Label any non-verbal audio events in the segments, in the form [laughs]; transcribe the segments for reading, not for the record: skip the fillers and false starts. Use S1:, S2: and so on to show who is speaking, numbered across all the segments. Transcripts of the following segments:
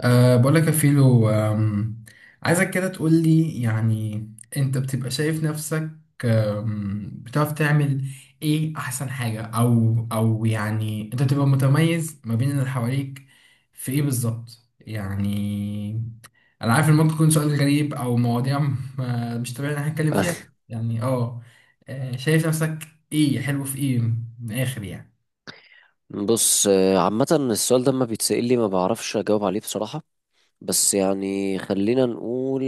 S1: بقول لك يا فيلو، عايزك كده تقول لي، يعني انت بتبقى شايف نفسك، بتعرف تعمل ايه احسن حاجة، او يعني انت بتبقى متميز ما بين اللي حواليك في ايه بالظبط؟ يعني انا عارف ان ممكن يكون سؤال غريب، او مواضيع مش طبيعي ان احنا نتكلم فيها.
S2: أخ،
S1: يعني اه، شايف نفسك ايه؟ حلو في ايه من الاخر؟ يعني
S2: بص عامة السؤال ده ما بيتسأل لي، ما بعرفش أجاوب عليه بصراحة. بس يعني خلينا نقول،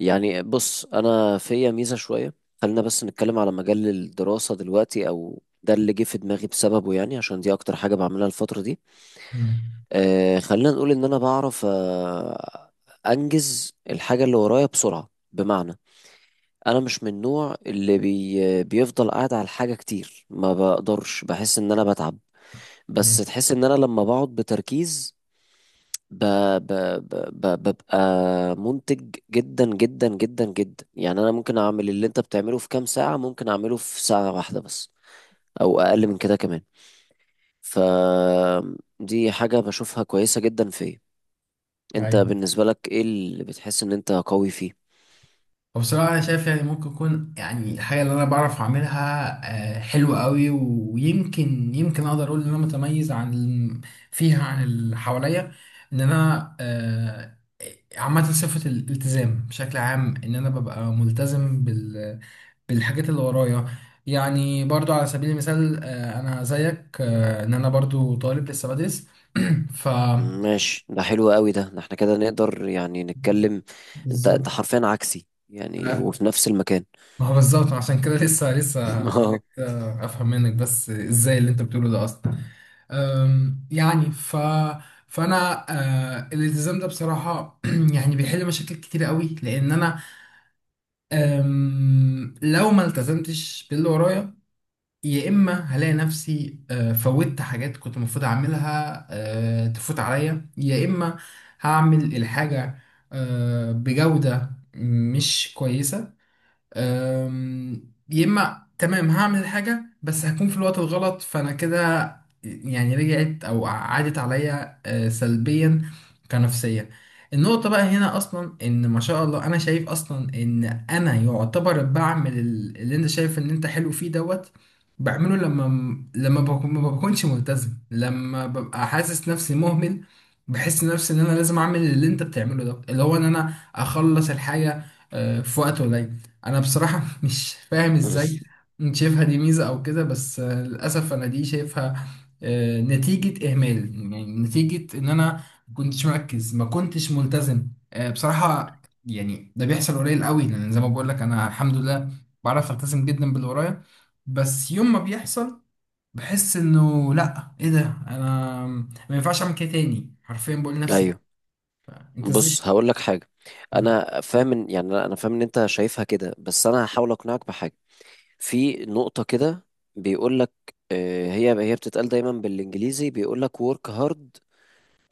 S2: يعني بص انا فيا ميزه شويه. خلينا بس نتكلم على مجال الدراسه دلوقتي، او ده اللي جه في دماغي بسببه يعني، عشان دي اكتر حاجه بعملها الفتره دي.
S1: مم.
S2: خلينا نقول ان انا بعرف انجز الحاجه اللي ورايا بسرعه، بمعنى انا مش من النوع اللي بيفضل قاعد على الحاجه كتير، ما بقدرش، بحس ان انا بتعب. بس تحس ان انا لما بقعد بتركيز ب... ب... ب... ببقى منتج جدا جدا جدا جدا. يعني انا ممكن اعمل اللي انت بتعمله في كام ساعة، ممكن اعمله في ساعة واحدة بس، او اقل من كده كمان. ف دي حاجة بشوفها كويسة جدا فيا. انت
S1: مم.
S2: بالنسبة لك ايه اللي بتحس ان انت قوي فيه؟
S1: وبصراحة أنا شايف، يعني ممكن يكون، يعني الحاجة اللي أنا بعرف أعملها حلوة قوي، ويمكن يمكن أقدر أقول إن أنا متميز عن فيها، عن اللي حواليا. إن أنا، عامة صفة الالتزام بشكل عام، إن أنا ببقى ملتزم بالحاجات اللي ورايا. يعني برضو على سبيل المثال، أنا زيك، إن أنا برضو طالب لسه بدرس. ف
S2: ماشي، ده حلو قوي. ده احنا كده نقدر يعني نتكلم، انت
S1: بالظبط.
S2: انت حرفيا عكسي يعني وفي نفس المكان.
S1: ما هو بالظبط. عشان كده لسه
S2: [laughs] اه،
S1: هسألك، افهم منك بس ازاي اللي انت بتقوله ده اصلا. يعني فانا، الالتزام ده بصراحة [clears throat] يعني بيحل مشاكل كتير قوي، لان انا، لو ما التزمتش باللي ورايا، يا اما هلاقي نفسي فوتت حاجات كنت المفروض اعملها تفوت عليا، يا اما هعمل الحاجة بجودة مش كويسة. أم، يا اما تمام هعمل الحاجه بس هكون في الوقت الغلط، فانا كده يعني رجعت او عادت عليا سلبيا، كنفسيا. النقطه بقى هنا اصلا ان ما شاء الله انا شايف اصلا ان انا يعتبر بعمل اللي انت شايف ان انت حلو فيه دوت، بعمله لما ما بكونش ملتزم، لما ببقى حاسس نفسي مهمل. بحس نفسي ان انا لازم اعمل اللي انت بتعمله ده، اللي هو ان انا اخلص الحاجه في وقت قليل. انا بصراحة [laughs] مش فاهم ازاي انت شايفها دي ميزة او كده، بس للاسف انا دي شايفها نتيجة اهمال. يعني نتيجة ان انا ما كنتش مركز، ما كنتش ملتزم. بصراحة يعني ده بيحصل قليل قوي، لان زي ما بقول لك انا الحمد لله بعرف التزم جدا باللي ورايا. بس يوم ما بيحصل بحس انه لا، ايه ده، انا ما ينفعش اعمل كده تاني، حرفيا بقول لنفسي
S2: ايوه.
S1: كده، انت ازاي
S2: بص
S1: شايف-
S2: هقول لك حاجه. انا فاهم يعني انا فاهم ان انت شايفها كده، بس انا هحاول اقنعك بحاجه. في نقطه كده بيقول لك، هي بتتقال دايما بالانجليزي، بيقول لك work hard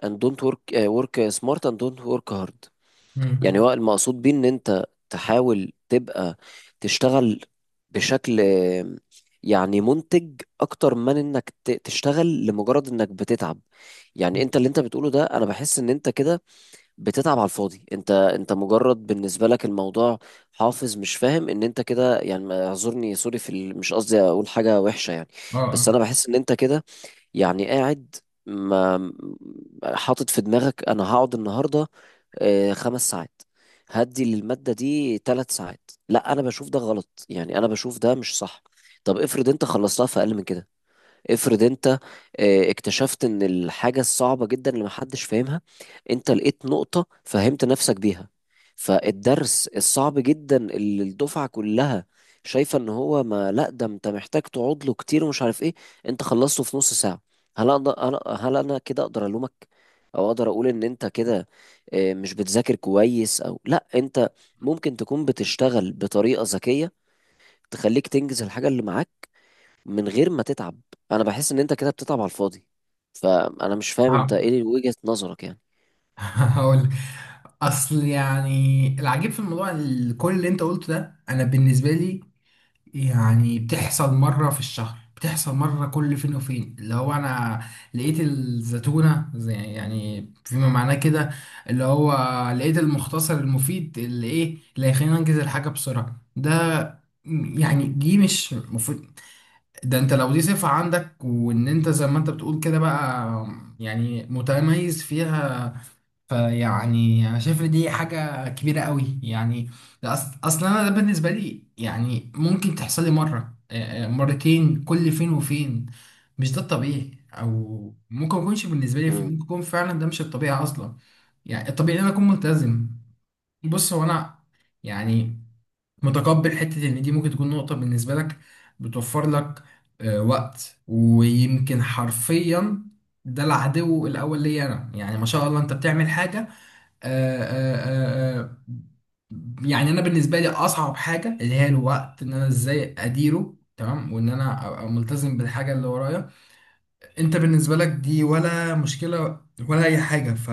S2: and don't work آه، work smart and don't work hard. يعني
S1: مم.
S2: هو المقصود بيه ان انت تحاول تبقى تشتغل بشكل يعني منتج، اكتر من انك تشتغل لمجرد انك بتتعب. يعني انت اللي انت بتقوله ده، انا بحس ان انت كده بتتعب على الفاضي. انت مجرد، بالنسبه لك الموضوع حافظ، مش فاهم ان انت كده يعني اعذرني، سوري، مش قصدي اقول حاجه وحشه يعني. بس
S1: اه.
S2: انا بحس ان انت كده يعني قاعد ما حاطط في دماغك انا هقعد النهارده 5 ساعات، هدي للماده دي 3 ساعات. لا، انا بشوف ده غلط، يعني انا بشوف ده مش صح. طب افرض انت خلصتها في اقل من كده، افرض انت اكتشفت ان الحاجة الصعبة جدا اللي محدش فاهمها، انت لقيت نقطة فهمت نفسك بيها، فالدرس الصعب جدا اللي الدفعة كلها شايفة ان هو ما لا ده انت محتاج تقعد له كتير ومش عارف ايه، انت خلصته في نص ساعة. هل اقدر انا هل انا كده اقدر الومك؟ او اقدر اقول ان انت كده مش بتذاكر كويس؟ او لا، انت ممكن تكون بتشتغل بطريقة ذكية تخليك تنجز الحاجة اللي معاك من غير ما تتعب. انا بحس ان انت كده بتتعب على الفاضي، فانا مش فاهم انت
S1: آه.
S2: ايه وجهة نظرك يعني.
S1: [laughs] هقول، اصل يعني العجيب في الموضوع كل اللي انت قلته ده انا بالنسبه لي يعني بتحصل مره في الشهر، بتحصل مره كل فين وفين. اللي هو انا لقيت الزيتونه، زي يعني فيما معناه كده، اللي هو لقيت المختصر المفيد، اللي ايه اللي هيخليني انجز الحاجه بسرعه ده. يعني دي مش مفروض. ده انت لو دي صفة عندك، وان انت زي ما انت بتقول كده بقى يعني متميز فيها، فيعني انا شايف ان دي حاجه كبيره قوي يعني. ده اصلا انا ده بالنسبه لي يعني ممكن تحصل لي مره، مرتين كل فين وفين. مش ده الطبيعي، او ممكن ما يكونش بالنسبه لي، ممكن
S2: مم.
S1: يكون فعلا ده مش الطبيعي اصلا. يعني الطبيعي ان انا اكون ملتزم. بص هو انا، يعني متقبل حته ان دي ممكن تكون نقطه بالنسبه لك، بتوفر لك وقت، ويمكن حرفيا ده العدو الاول ليا انا. يعني ما شاء الله انت بتعمل حاجه. آه، آه، آه، آه، يعني انا بالنسبه لي اصعب حاجه اللي هي الوقت، ان انا ازاي اديره تمام، وان انا ابقى ملتزم بالحاجه اللي ورايا. انت بالنسبه لك دي ولا مشكله ولا اي حاجه. ف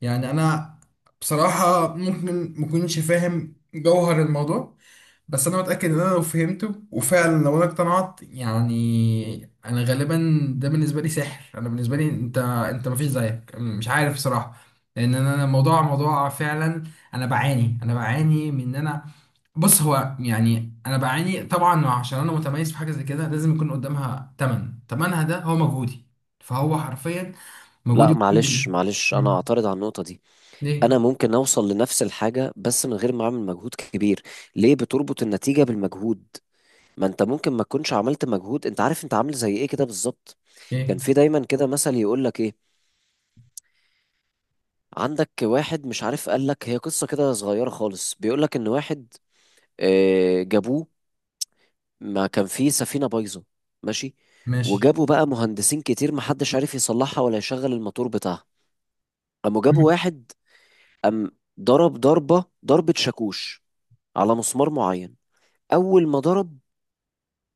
S1: يعني انا بصراحه ممكن مكنش فاهم جوهر الموضوع، بس انا متاكد ان انا لو فهمته، وفعلا لو انا اقتنعت، يعني انا غالبا ده بالنسبه لي سحر. انا بالنسبه لي انت مفيش زيك، مش عارف صراحه، لان انا الموضوع موضوع فعلا. انا بعاني من ان انا، بص هو يعني انا بعاني طبعا عشان انا متميز في حاجه زي كده لازم يكون قدامها ثمن، ثمنها ده هو مجهودي، فهو حرفيا
S2: لا،
S1: مجهودي كله.
S2: معلش معلش، انا
S1: مم.
S2: اعترض على النقطة دي.
S1: ليه؟
S2: انا ممكن اوصل لنفس الحاجة بس من غير ما اعمل مجهود كبير. ليه بتربط النتيجة بالمجهود؟ ما انت ممكن ما تكونش عملت مجهود، انت عارف انت عامل زي ايه كده بالظبط.
S1: ايه؟
S2: كان في دايما كده مثل يقول لك ايه، عندك واحد مش عارف، قال لك هي قصة كده صغيرة خالص، بيقول لك ان واحد جابوه، ما كان في سفينة بايظة. ماشي.
S1: ماشي.
S2: وجابوا بقى مهندسين كتير، محدش عارف يصلحها ولا يشغل الموتور بتاعها. قاموا جابوا
S1: [laughs]
S2: واحد، قام ضرب ضربة ضربة شاكوش على مسمار معين. أول ما ضرب،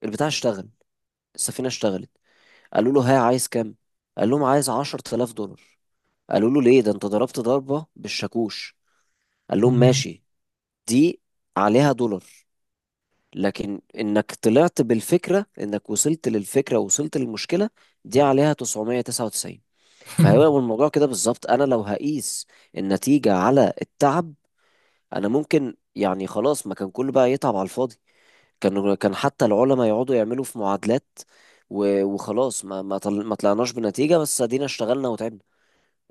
S2: البتاع اشتغل، السفينة اشتغلت. قالوا له: ها، عايز كام؟ قال لهم: عايز 10,000 دولار. قالوا له: ليه؟ ده انت ضربت ضربة بالشاكوش. قال لهم:
S1: مم.
S2: ماشي، دي عليها دولار، لكن انك طلعت بالفكرة، انك وصلت للفكرة ووصلت للمشكلة، دي عليها 999. فهو الموضوع كده بالظبط، انا لو هقيس النتيجة على التعب، انا ممكن يعني خلاص ما كان كله بقى يتعب على الفاضي، كان حتى العلماء يقعدوا يعملوا في معادلات وخلاص ما طلعناش بنتيجة، بس ادينا اشتغلنا وتعبنا،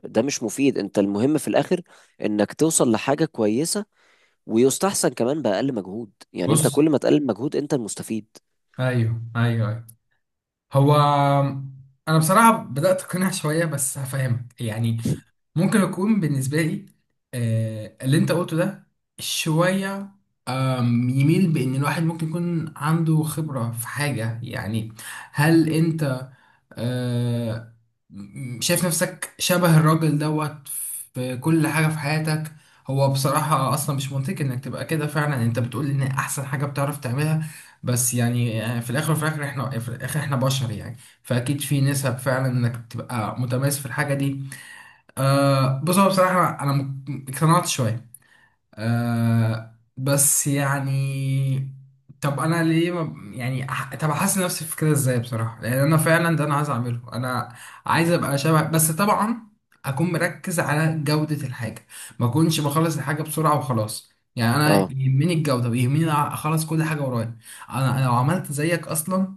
S2: ده مش مفيد. انت المهم في الاخر انك توصل لحاجة كويسة، ويستحسن كمان بأقل مجهود، يعني انت
S1: بص،
S2: كل ما تقلل مجهود انت المستفيد.
S1: ايوه، ايوه، أيوه. هو انا بصراحه بدات اقتنع شويه بس هفهمك يعني، ممكن يكون بالنسبة لي اللي انت قلته ده شوية يميل بأن الواحد ممكن يكون عنده خبرة في حاجة يعني. هل انت، آه، شايف نفسك شبه الراجل دوت في كل حاجة في حياتك؟ هو بصراحة أصلا مش منطقي إنك تبقى كده. فعلا أنت بتقول إن أحسن حاجة بتعرف تعملها، بس يعني في الآخر إحنا بشر يعني. فأكيد في نسب فعلا إنك تبقى متميز في الحاجة دي. أه، بص، هو بصراحة أنا اقتنعت شوية. أه بس يعني، طب أنا ليه ما يعني طب أحسن نفسي في كده إزاي بصراحة، لأن أنا فعلا ده أنا عايز أعمله، أنا عايز أبقى شبه، بس طبعا أكون مركز على جودة الحاجة، ما أكونش بخلص الحاجة بسرعة وخلاص. يعني أنا
S2: اه،
S1: يهمني الجودة ويهمني أخلص كل حاجة ورايا. أنا لو عملت زيك أصلا،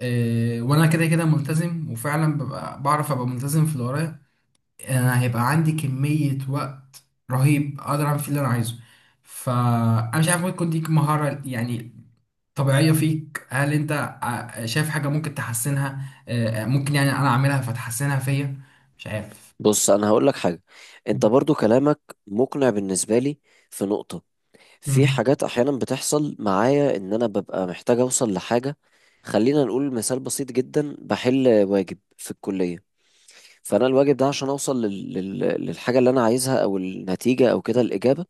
S1: أه وأنا كده كده ملتزم، وفعلا ببقى بعرف أبقى ملتزم في اللي ورايا، انا هيبقى عندي كمية وقت رهيب اقدر اعمل فيه اللي انا عايزه. فانا مش عارف، ممكن تكون دي مهارة يعني طبيعية فيك. هل انت شايف حاجة ممكن تحسنها، ممكن يعني انا اعملها فتحسنها فيا؟ مش عارف.
S2: بص انا هقول لك حاجه. انت برضو كلامك مقنع بالنسبه لي في نقطه. في
S1: مم.
S2: حاجات احيانا بتحصل معايا ان انا ببقى محتاج اوصل لحاجه. خلينا نقول مثال بسيط جدا، بحل واجب في الكليه، فانا الواجب ده عشان اوصل للحاجه اللي انا عايزها او النتيجه او كده الاجابه،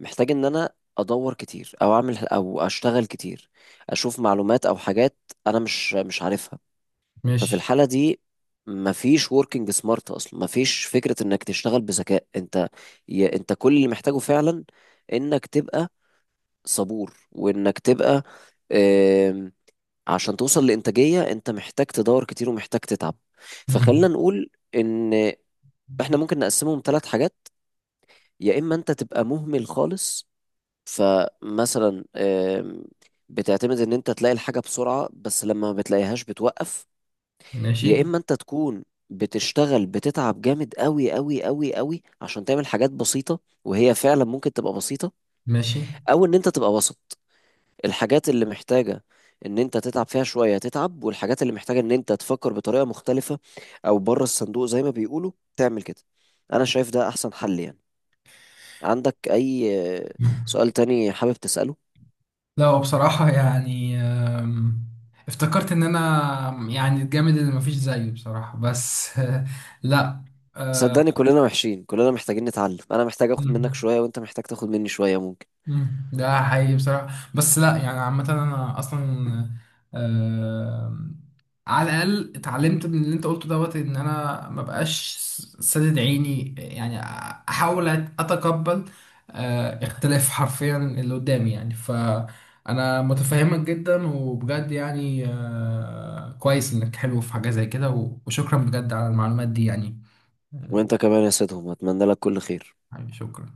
S2: محتاج ان انا ادور كتير او اعمل او اشتغل كتير، اشوف معلومات او حاجات انا مش عارفها. ففي
S1: ماشي.
S2: الحالة دي مفيش وركينج سمارت اصلا، مفيش فكرة انك تشتغل بذكاء. انت انت كل اللي محتاجه فعلا انك تبقى صبور، وانك تبقى آم، عشان توصل لإنتاجية، انت محتاج تدور كتير ومحتاج تتعب. فخلينا
S1: مم.
S2: نقول ان احنا ممكن نقسمهم 3 حاجات. يا اما انت تبقى مهمل خالص، فمثلا بتعتمد ان انت تلاقي الحاجة بسرعة، بس لما ما بتلاقيهاش بتوقف. يا
S1: ماشي،
S2: اما انت تكون بتشتغل بتتعب جامد قوي قوي قوي قوي عشان تعمل حاجات بسيطة وهي فعلا ممكن تبقى بسيطة.
S1: ماشي.
S2: او ان انت تبقى وسط، الحاجات اللي محتاجة ان انت تتعب فيها شوية تتعب، والحاجات اللي محتاجة ان انت تفكر بطريقة مختلفة او بره الصندوق زي ما بيقولوا تعمل كده. انا شايف ده احسن حل يعني. عندك اي آه،
S1: مم.
S2: سؤال تاني حابب تسأله؟
S1: لا، هو بصراحة يعني افتكرت ان انا يعني الجامد اللي مفيش زيه بصراحة، بس [laughs] لا. آه.
S2: صدقني كلنا وحشين، كلنا محتاجين نتعلم، انا محتاج اخد منك
S1: مم.
S2: شوية وانت محتاج تاخد مني شوية ممكن.
S1: مم. ده حقيقي بصراحة، بس لا يعني عامة أنا أصلا آه على الأقل اتعلمت من اللي أنت قلته دوت إن أنا مبقاش سادد عيني، يعني أحاول أتقبل اختلاف حرفيا اللي قدامي، يعني فأنا متفهمك جدا وبجد يعني، كويس إنك حلو في حاجة زي كده، و- وشكرا بجد على المعلومات دي يعني. آه،
S2: وانت كمان يا سيدهم، اتمنى لك كل خير.
S1: حبيبي شكرا.